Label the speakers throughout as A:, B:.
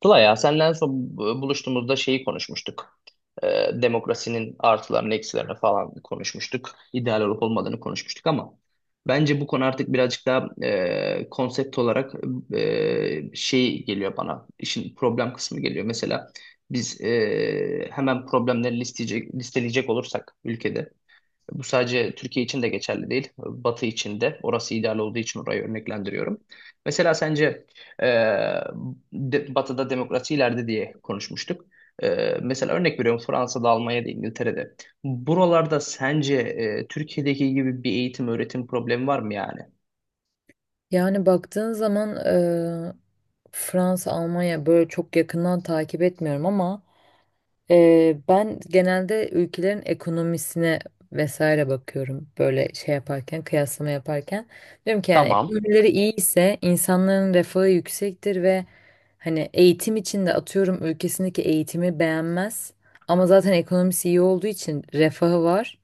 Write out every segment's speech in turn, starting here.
A: Tula ya senden son buluştuğumuzda şeyi konuşmuştuk. Demokrasinin artılarını, eksilerini falan konuşmuştuk. İdeal olup olmadığını konuşmuştuk ama bence bu konu artık birazcık daha konsept olarak şey geliyor bana. İşin problem kısmı geliyor. Mesela biz hemen problemleri listeleyecek olursak ülkede bu sadece Türkiye için de geçerli değil. Batı için de. Orası ideal olduğu için orayı örneklendiriyorum. Mesela sence e, Batı'da demokrasi ileride diye konuşmuştuk. Mesela örnek veriyorum Fransa'da, Almanya'da, İngiltere'de. Buralarda sence Türkiye'deki gibi bir eğitim, öğretim problemi var mı yani?
B: Yani baktığın zaman Fransa, Almanya böyle çok yakından takip etmiyorum ama ben genelde ülkelerin ekonomisine vesaire bakıyorum böyle şey yaparken, kıyaslama yaparken. Diyorum ki yani
A: Tamam.
B: ekonomileri iyi ise insanların refahı yüksektir ve hani eğitim için de atıyorum ülkesindeki eğitimi beğenmez ama zaten ekonomisi iyi olduğu için refahı var,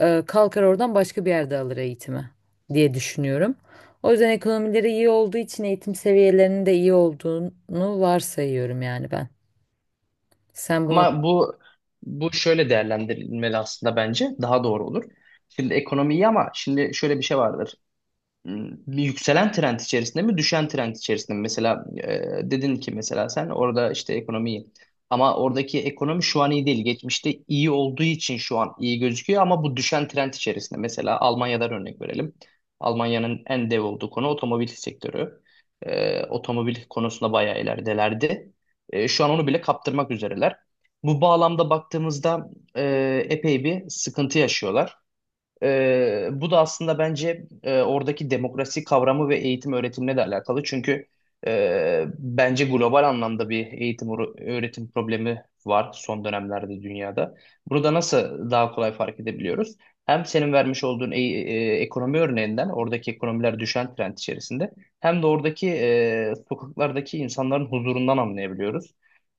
B: kalkar oradan başka bir yerde alır eğitimi diye düşünüyorum. O yüzden ekonomileri iyi olduğu için eğitim seviyelerinin de iyi olduğunu varsayıyorum yani ben. Sen bunu
A: Ama bu şöyle değerlendirilmeli aslında, bence daha doğru olur. Şimdi ekonomiyi, ama şimdi şöyle bir şey vardır. Bir yükselen trend içerisinde mi, düşen trend içerisinde mi? Mesela dedin ki, mesela sen orada işte ekonomiyi, ama oradaki ekonomi şu an iyi değil. Geçmişte iyi olduğu için şu an iyi gözüküyor ama bu düşen trend içerisinde. Mesela Almanya'dan örnek verelim. Almanya'nın en dev olduğu konu otomobil sektörü. Otomobil konusunda bayağı ileridelerdi. Şu an onu bile kaptırmak üzereler. Bu bağlamda baktığımızda epey bir sıkıntı yaşıyorlar. Bu da aslında bence oradaki demokrasi kavramı ve eğitim öğretimle de alakalı. Çünkü bence global anlamda bir eğitim öğretim problemi var son dönemlerde dünyada. Burada nasıl daha kolay fark edebiliyoruz? Hem senin vermiş olduğun ekonomi örneğinden oradaki ekonomiler düşen trend içerisinde, hem de oradaki sokaklardaki insanların huzurundan anlayabiliyoruz.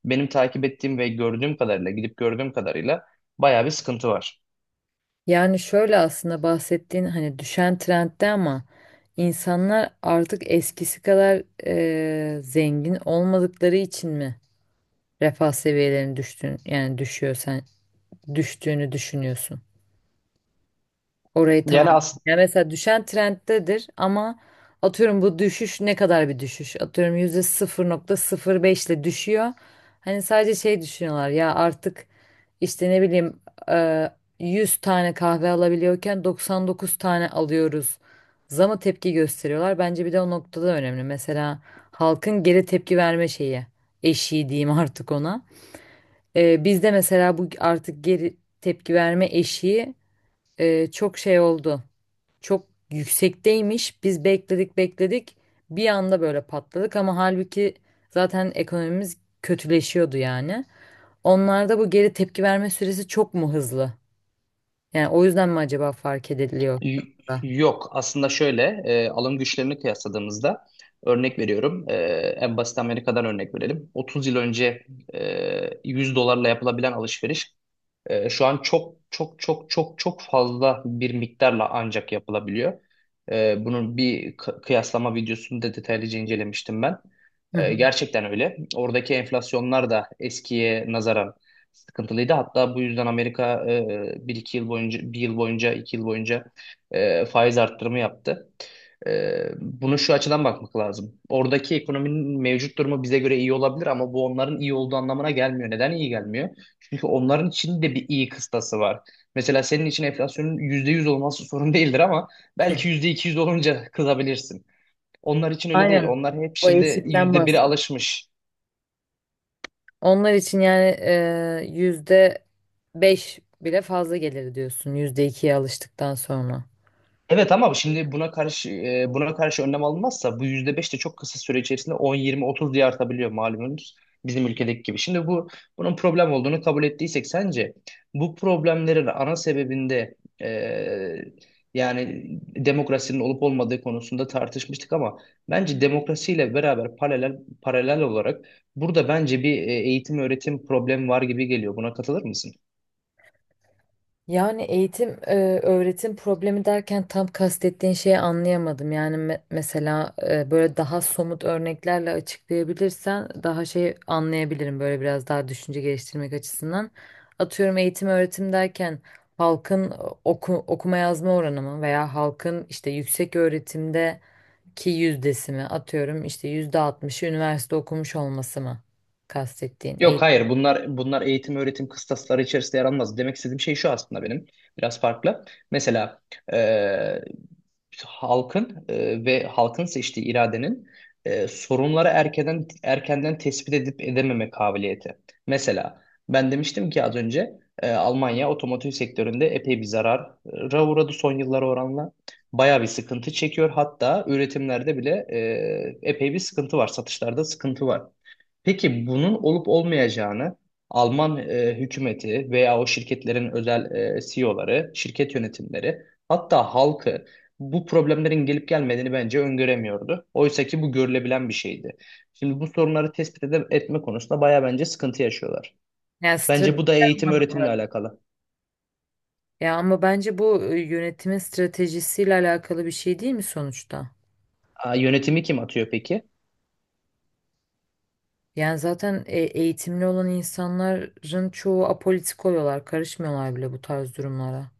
A: Benim takip ettiğim ve gördüğüm kadarıyla, gidip gördüğüm kadarıyla bayağı bir sıkıntı var.
B: yani şöyle aslında bahsettiğin hani düşen trendde ama insanlar artık eskisi kadar zengin olmadıkları için mi refah seviyelerinin düştüğünü, yani düşüyor, sen düştüğünü düşünüyorsun? Orayı tamam.
A: Yani as
B: Yani mesela düşen trenddedir ama atıyorum bu düşüş ne kadar bir düşüş? Atıyorum yüzde 0,05 ile düşüyor. Hani sadece şey düşünüyorlar ya artık işte ne bileyim, e, 100 tane kahve alabiliyorken 99 tane alıyoruz. Zama tepki gösteriyorlar. Bence bir de o noktada önemli. Mesela halkın geri tepki verme şeyi, eşiği diyeyim artık ona. Bizde mesela bu artık geri tepki verme eşiği çok şey oldu, çok yüksekteymiş. Biz bekledik bekledik. Bir anda böyle patladık ama halbuki zaten ekonomimiz kötüleşiyordu yani. Onlarda bu geri tepki verme süresi çok mu hızlı? Yani o yüzden mi acaba fark ediliyor şu
A: Y-
B: anda?
A: Yok, aslında şöyle, alım güçlerini kıyasladığımızda, örnek veriyorum, en basit Amerika'dan örnek verelim. 30 yıl önce 100 dolarla yapılabilen alışveriş şu an çok çok çok çok çok fazla bir miktarla ancak yapılabiliyor. Bunun bir kıyaslama videosunu da detaylıca incelemiştim ben.
B: Hı hı.
A: Gerçekten öyle. Oradaki enflasyonlar da eskiye nazaran sıkıntılıydı. Hatta bu yüzden Amerika bir iki yıl boyunca, bir yıl boyunca, 2 yıl boyunca faiz arttırımı yaptı. E, Bunu şu açıdan bakmak lazım. Oradaki ekonominin mevcut durumu bize göre iyi olabilir, ama bu onların iyi olduğu anlamına gelmiyor. Neden iyi gelmiyor? Çünkü onların için de bir iyi kıstası var. Mesela senin için enflasyonun %100 olması sorun değildir ama belki %200 olunca kızabilirsin. Onlar için öyle değil.
B: Aynen.
A: Onlar hep
B: O
A: şimdi
B: eksikten
A: %1'e
B: bahsediyorum.
A: alışmış.
B: Onlar için yani, %5 bile fazla gelir diyorsun. %2'ye alıştıktan sonra.
A: Evet, ama şimdi buna karşı buna karşı önlem alınmazsa bu %5 de çok kısa süre içerisinde 10, 20, 30 diye artabiliyor, malumunuz, bizim ülkedeki gibi. Şimdi bunun problem olduğunu kabul ettiysek, sence bu problemlerin ana sebebinde e, yani demokrasinin olup olmadığı konusunda tartışmıştık ama bence demokrasiyle beraber paralel paralel olarak burada bence bir eğitim öğretim problemi var gibi geliyor. Buna katılır mısın?
B: Yani eğitim, öğretim problemi derken tam kastettiğin şeyi anlayamadım. Yani mesela böyle daha somut örneklerle açıklayabilirsen daha şey anlayabilirim, böyle biraz daha düşünce geliştirmek açısından. Atıyorum eğitim öğretim derken halkın okuma yazma oranı mı, veya halkın işte yüksek öğretimdeki yüzdesi mi, atıyorum işte %60'ı üniversite okumuş olması mı kastettiğin
A: Yok,
B: eğitim.
A: hayır, bunlar eğitim öğretim kıstasları içerisinde yer almaz. Demek istediğim şey şu aslında, benim biraz farklı. Mesela e, halkın ve halkın seçtiği iradenin sorunları erkenden erkenden tespit edip edememe kabiliyeti. Mesela ben demiştim ki az önce, Almanya otomotiv sektöründe epey bir zarara uğradı son yıllara oranla. Bayağı bir sıkıntı çekiyor. Hatta üretimlerde bile epey bir sıkıntı var. Satışlarda sıkıntı var. Peki bunun olup olmayacağını Alman hükümeti veya o şirketlerin özel CEO'ları, şirket yönetimleri, hatta halkı, bu problemlerin gelip gelmediğini bence öngöremiyordu. Oysa ki bu görülebilen bir şeydi. Şimdi bu sorunları tespit etme konusunda bayağı bence sıkıntı yaşıyorlar.
B: Yani
A: Bence
B: strateji
A: bu da eğitim öğretimle
B: anlamında.
A: alakalı.
B: Ya ama bence bu, yönetimin stratejisiyle alakalı bir şey değil mi sonuçta?
A: Aa, yönetimi kim atıyor peki?
B: Yani zaten eğitimli olan insanların çoğu apolitik oluyorlar, karışmıyorlar bile bu tarz durumlara.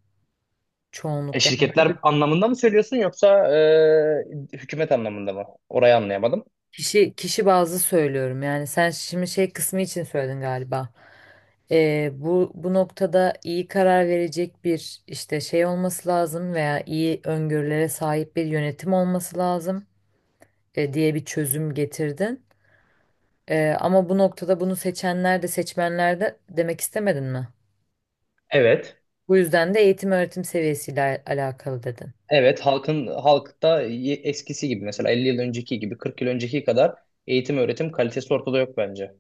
B: Çoğunlukla. Yani
A: Şirketler anlamında mı söylüyorsun, yoksa hükümet anlamında mı? Orayı anlayamadım.
B: kişi kişi bazlı söylüyorum. Yani sen şimdi şey kısmı için söyledin galiba. Bu noktada iyi karar verecek bir işte şey olması lazım, veya iyi öngörülere sahip bir yönetim olması lazım diye bir çözüm getirdin. Ama bu noktada bunu seçenler de seçmenler de demek istemedin mi?
A: Evet.
B: Bu yüzden de eğitim öğretim seviyesiyle alakalı dedin.
A: Evet, halkta eskisi gibi, mesela 50 yıl önceki gibi, 40 yıl önceki kadar eğitim öğretim kalitesi ortada yok bence.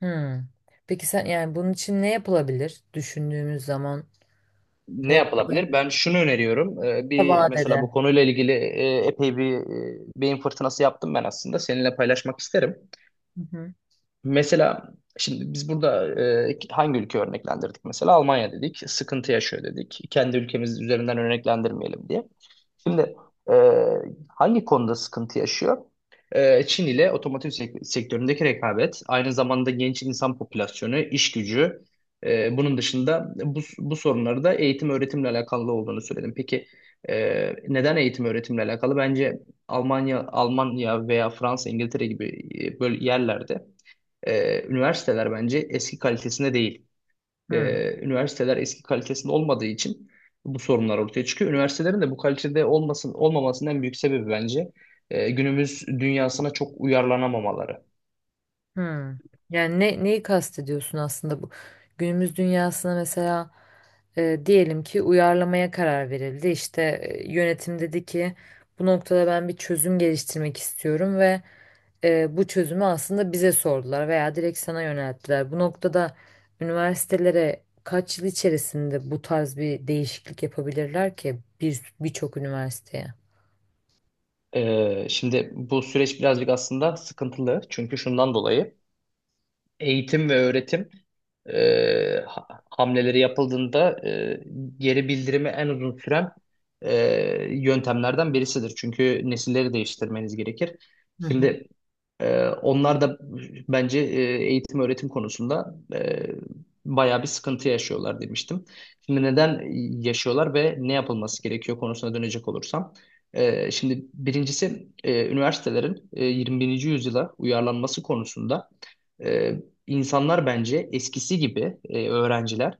B: Hmm. Peki sen yani bunun için ne yapılabilir düşündüğümüz zaman bu
A: Ne
B: noktada
A: yapılabilir? Ben şunu öneriyorum.
B: kısa
A: Bir mesela,
B: vadede?
A: bu konuyla ilgili epey bir beyin fırtınası yaptım ben aslında. Seninle paylaşmak isterim.
B: Hı hı.
A: Mesela şimdi biz burada hangi ülke örneklendirdik? Mesela Almanya dedik. Sıkıntı yaşıyor dedik. Kendi ülkemiz üzerinden örneklendirmeyelim diye. Şimdi e, hangi konuda sıkıntı yaşıyor? Çin ile otomotiv sektöründeki rekabet, aynı zamanda genç insan popülasyonu, iş gücü, bunun dışında bu sorunları da eğitim öğretimle alakalı olduğunu söyledim. Peki e, neden eğitim öğretimle alakalı? Bence Almanya, veya Fransa, İngiltere gibi böyle yerlerde üniversiteler bence eski kalitesinde değil,
B: Hmm,
A: üniversiteler eski kalitesinde olmadığı için bu sorunlar ortaya çıkıyor. Üniversitelerin de bu kalitede olmamasının en büyük sebebi bence günümüz dünyasına çok uyarlanamamaları.
B: hmm. Yani ne, neyi kastediyorsun aslında bu günümüz dünyasına? Mesela diyelim ki uyarlamaya karar verildi, işte yönetim dedi ki bu noktada ben bir çözüm geliştirmek istiyorum ve bu çözümü aslında bize sordular veya direkt sana yönelttiler. Bu noktada üniversitelere kaç yıl içerisinde bu tarz bir değişiklik yapabilirler ki, birçok üniversiteye?
A: Şimdi bu süreç birazcık aslında sıkıntılı. Çünkü şundan dolayı, eğitim ve öğretim hamleleri yapıldığında geri bildirimi en uzun süren e, yöntemlerden birisidir. Çünkü nesilleri değiştirmeniz gerekir.
B: Hı hı.
A: Şimdi onlar da bence eğitim öğretim konusunda bayağı bir sıkıntı yaşıyorlar demiştim. Şimdi neden yaşıyorlar ve ne yapılması gerekiyor konusuna dönecek olursam, şimdi birincisi, üniversitelerin 21. yüzyıla uyarlanması konusunda, ee, insanlar bence eskisi gibi, öğrenciler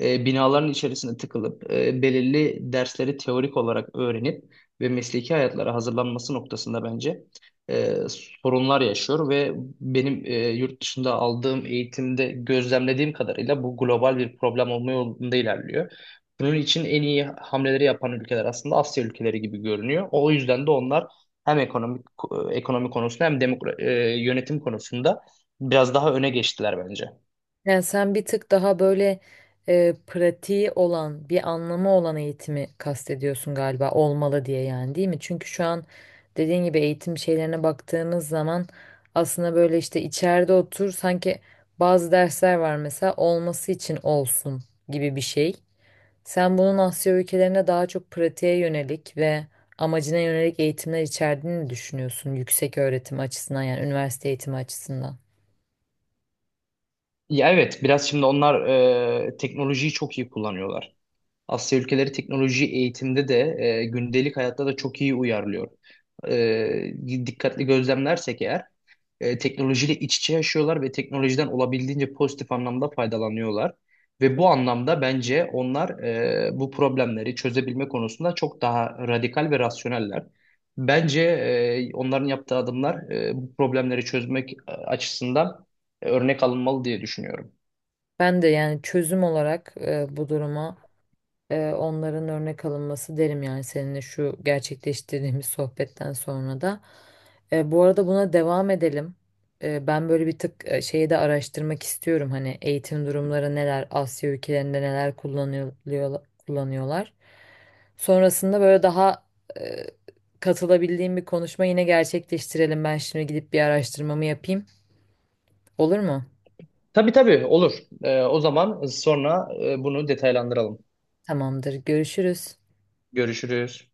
A: binaların içerisine tıkılıp belirli dersleri teorik olarak öğrenip ve mesleki hayatlara hazırlanması noktasında bence e, sorunlar yaşıyor, ve benim yurt dışında aldığım eğitimde gözlemlediğim kadarıyla bu global bir problem olma yolunda ilerliyor. Bunun için en iyi hamleleri yapan ülkeler aslında Asya ülkeleri gibi görünüyor. O yüzden de onlar hem ekonomi konusunda, hem yönetim konusunda biraz daha öne geçtiler bence.
B: Yani sen bir tık daha böyle pratiği olan, bir anlamı olan eğitimi kastediyorsun galiba, olmalı diye, yani değil mi? Çünkü şu an dediğin gibi eğitim şeylerine baktığımız zaman aslında böyle işte içeride otur sanki, bazı dersler var mesela olması için olsun gibi bir şey. Sen bunun Asya ülkelerine daha çok pratiğe yönelik ve amacına yönelik eğitimler içerdiğini düşünüyorsun yüksek öğretim açısından, yani üniversite eğitimi açısından.
A: Ya evet, biraz şimdi onlar teknolojiyi çok iyi kullanıyorlar. Asya ülkeleri teknolojiyi eğitimde de, gündelik hayatta da çok iyi uyarlıyor. Dikkatli gözlemlersek eğer, teknolojiyle iç içe yaşıyorlar ve teknolojiden olabildiğince pozitif anlamda faydalanıyorlar. Ve bu anlamda bence onlar bu problemleri çözebilme konusunda çok daha radikal ve rasyoneller. Bence onların yaptığı adımlar bu problemleri çözmek açısından örnek alınmalı diye düşünüyorum.
B: Ben de yani çözüm olarak bu duruma, onların örnek alınması derim yani, seninle şu gerçekleştirdiğimiz sohbetten sonra da. Bu arada buna devam edelim. Ben böyle bir tık şeyi de araştırmak istiyorum. Hani eğitim durumları neler, Asya ülkelerinde neler kullanıyor, kullanıyorlar. Sonrasında böyle daha eee, katılabildiğim bir konuşma yine gerçekleştirelim. Ben şimdi gidip bir araştırmamı yapayım. Olur mu?
A: Tabii, tabii, olur. O zaman sonra bunu detaylandıralım.
B: Tamamdır. Görüşürüz.
A: Görüşürüz.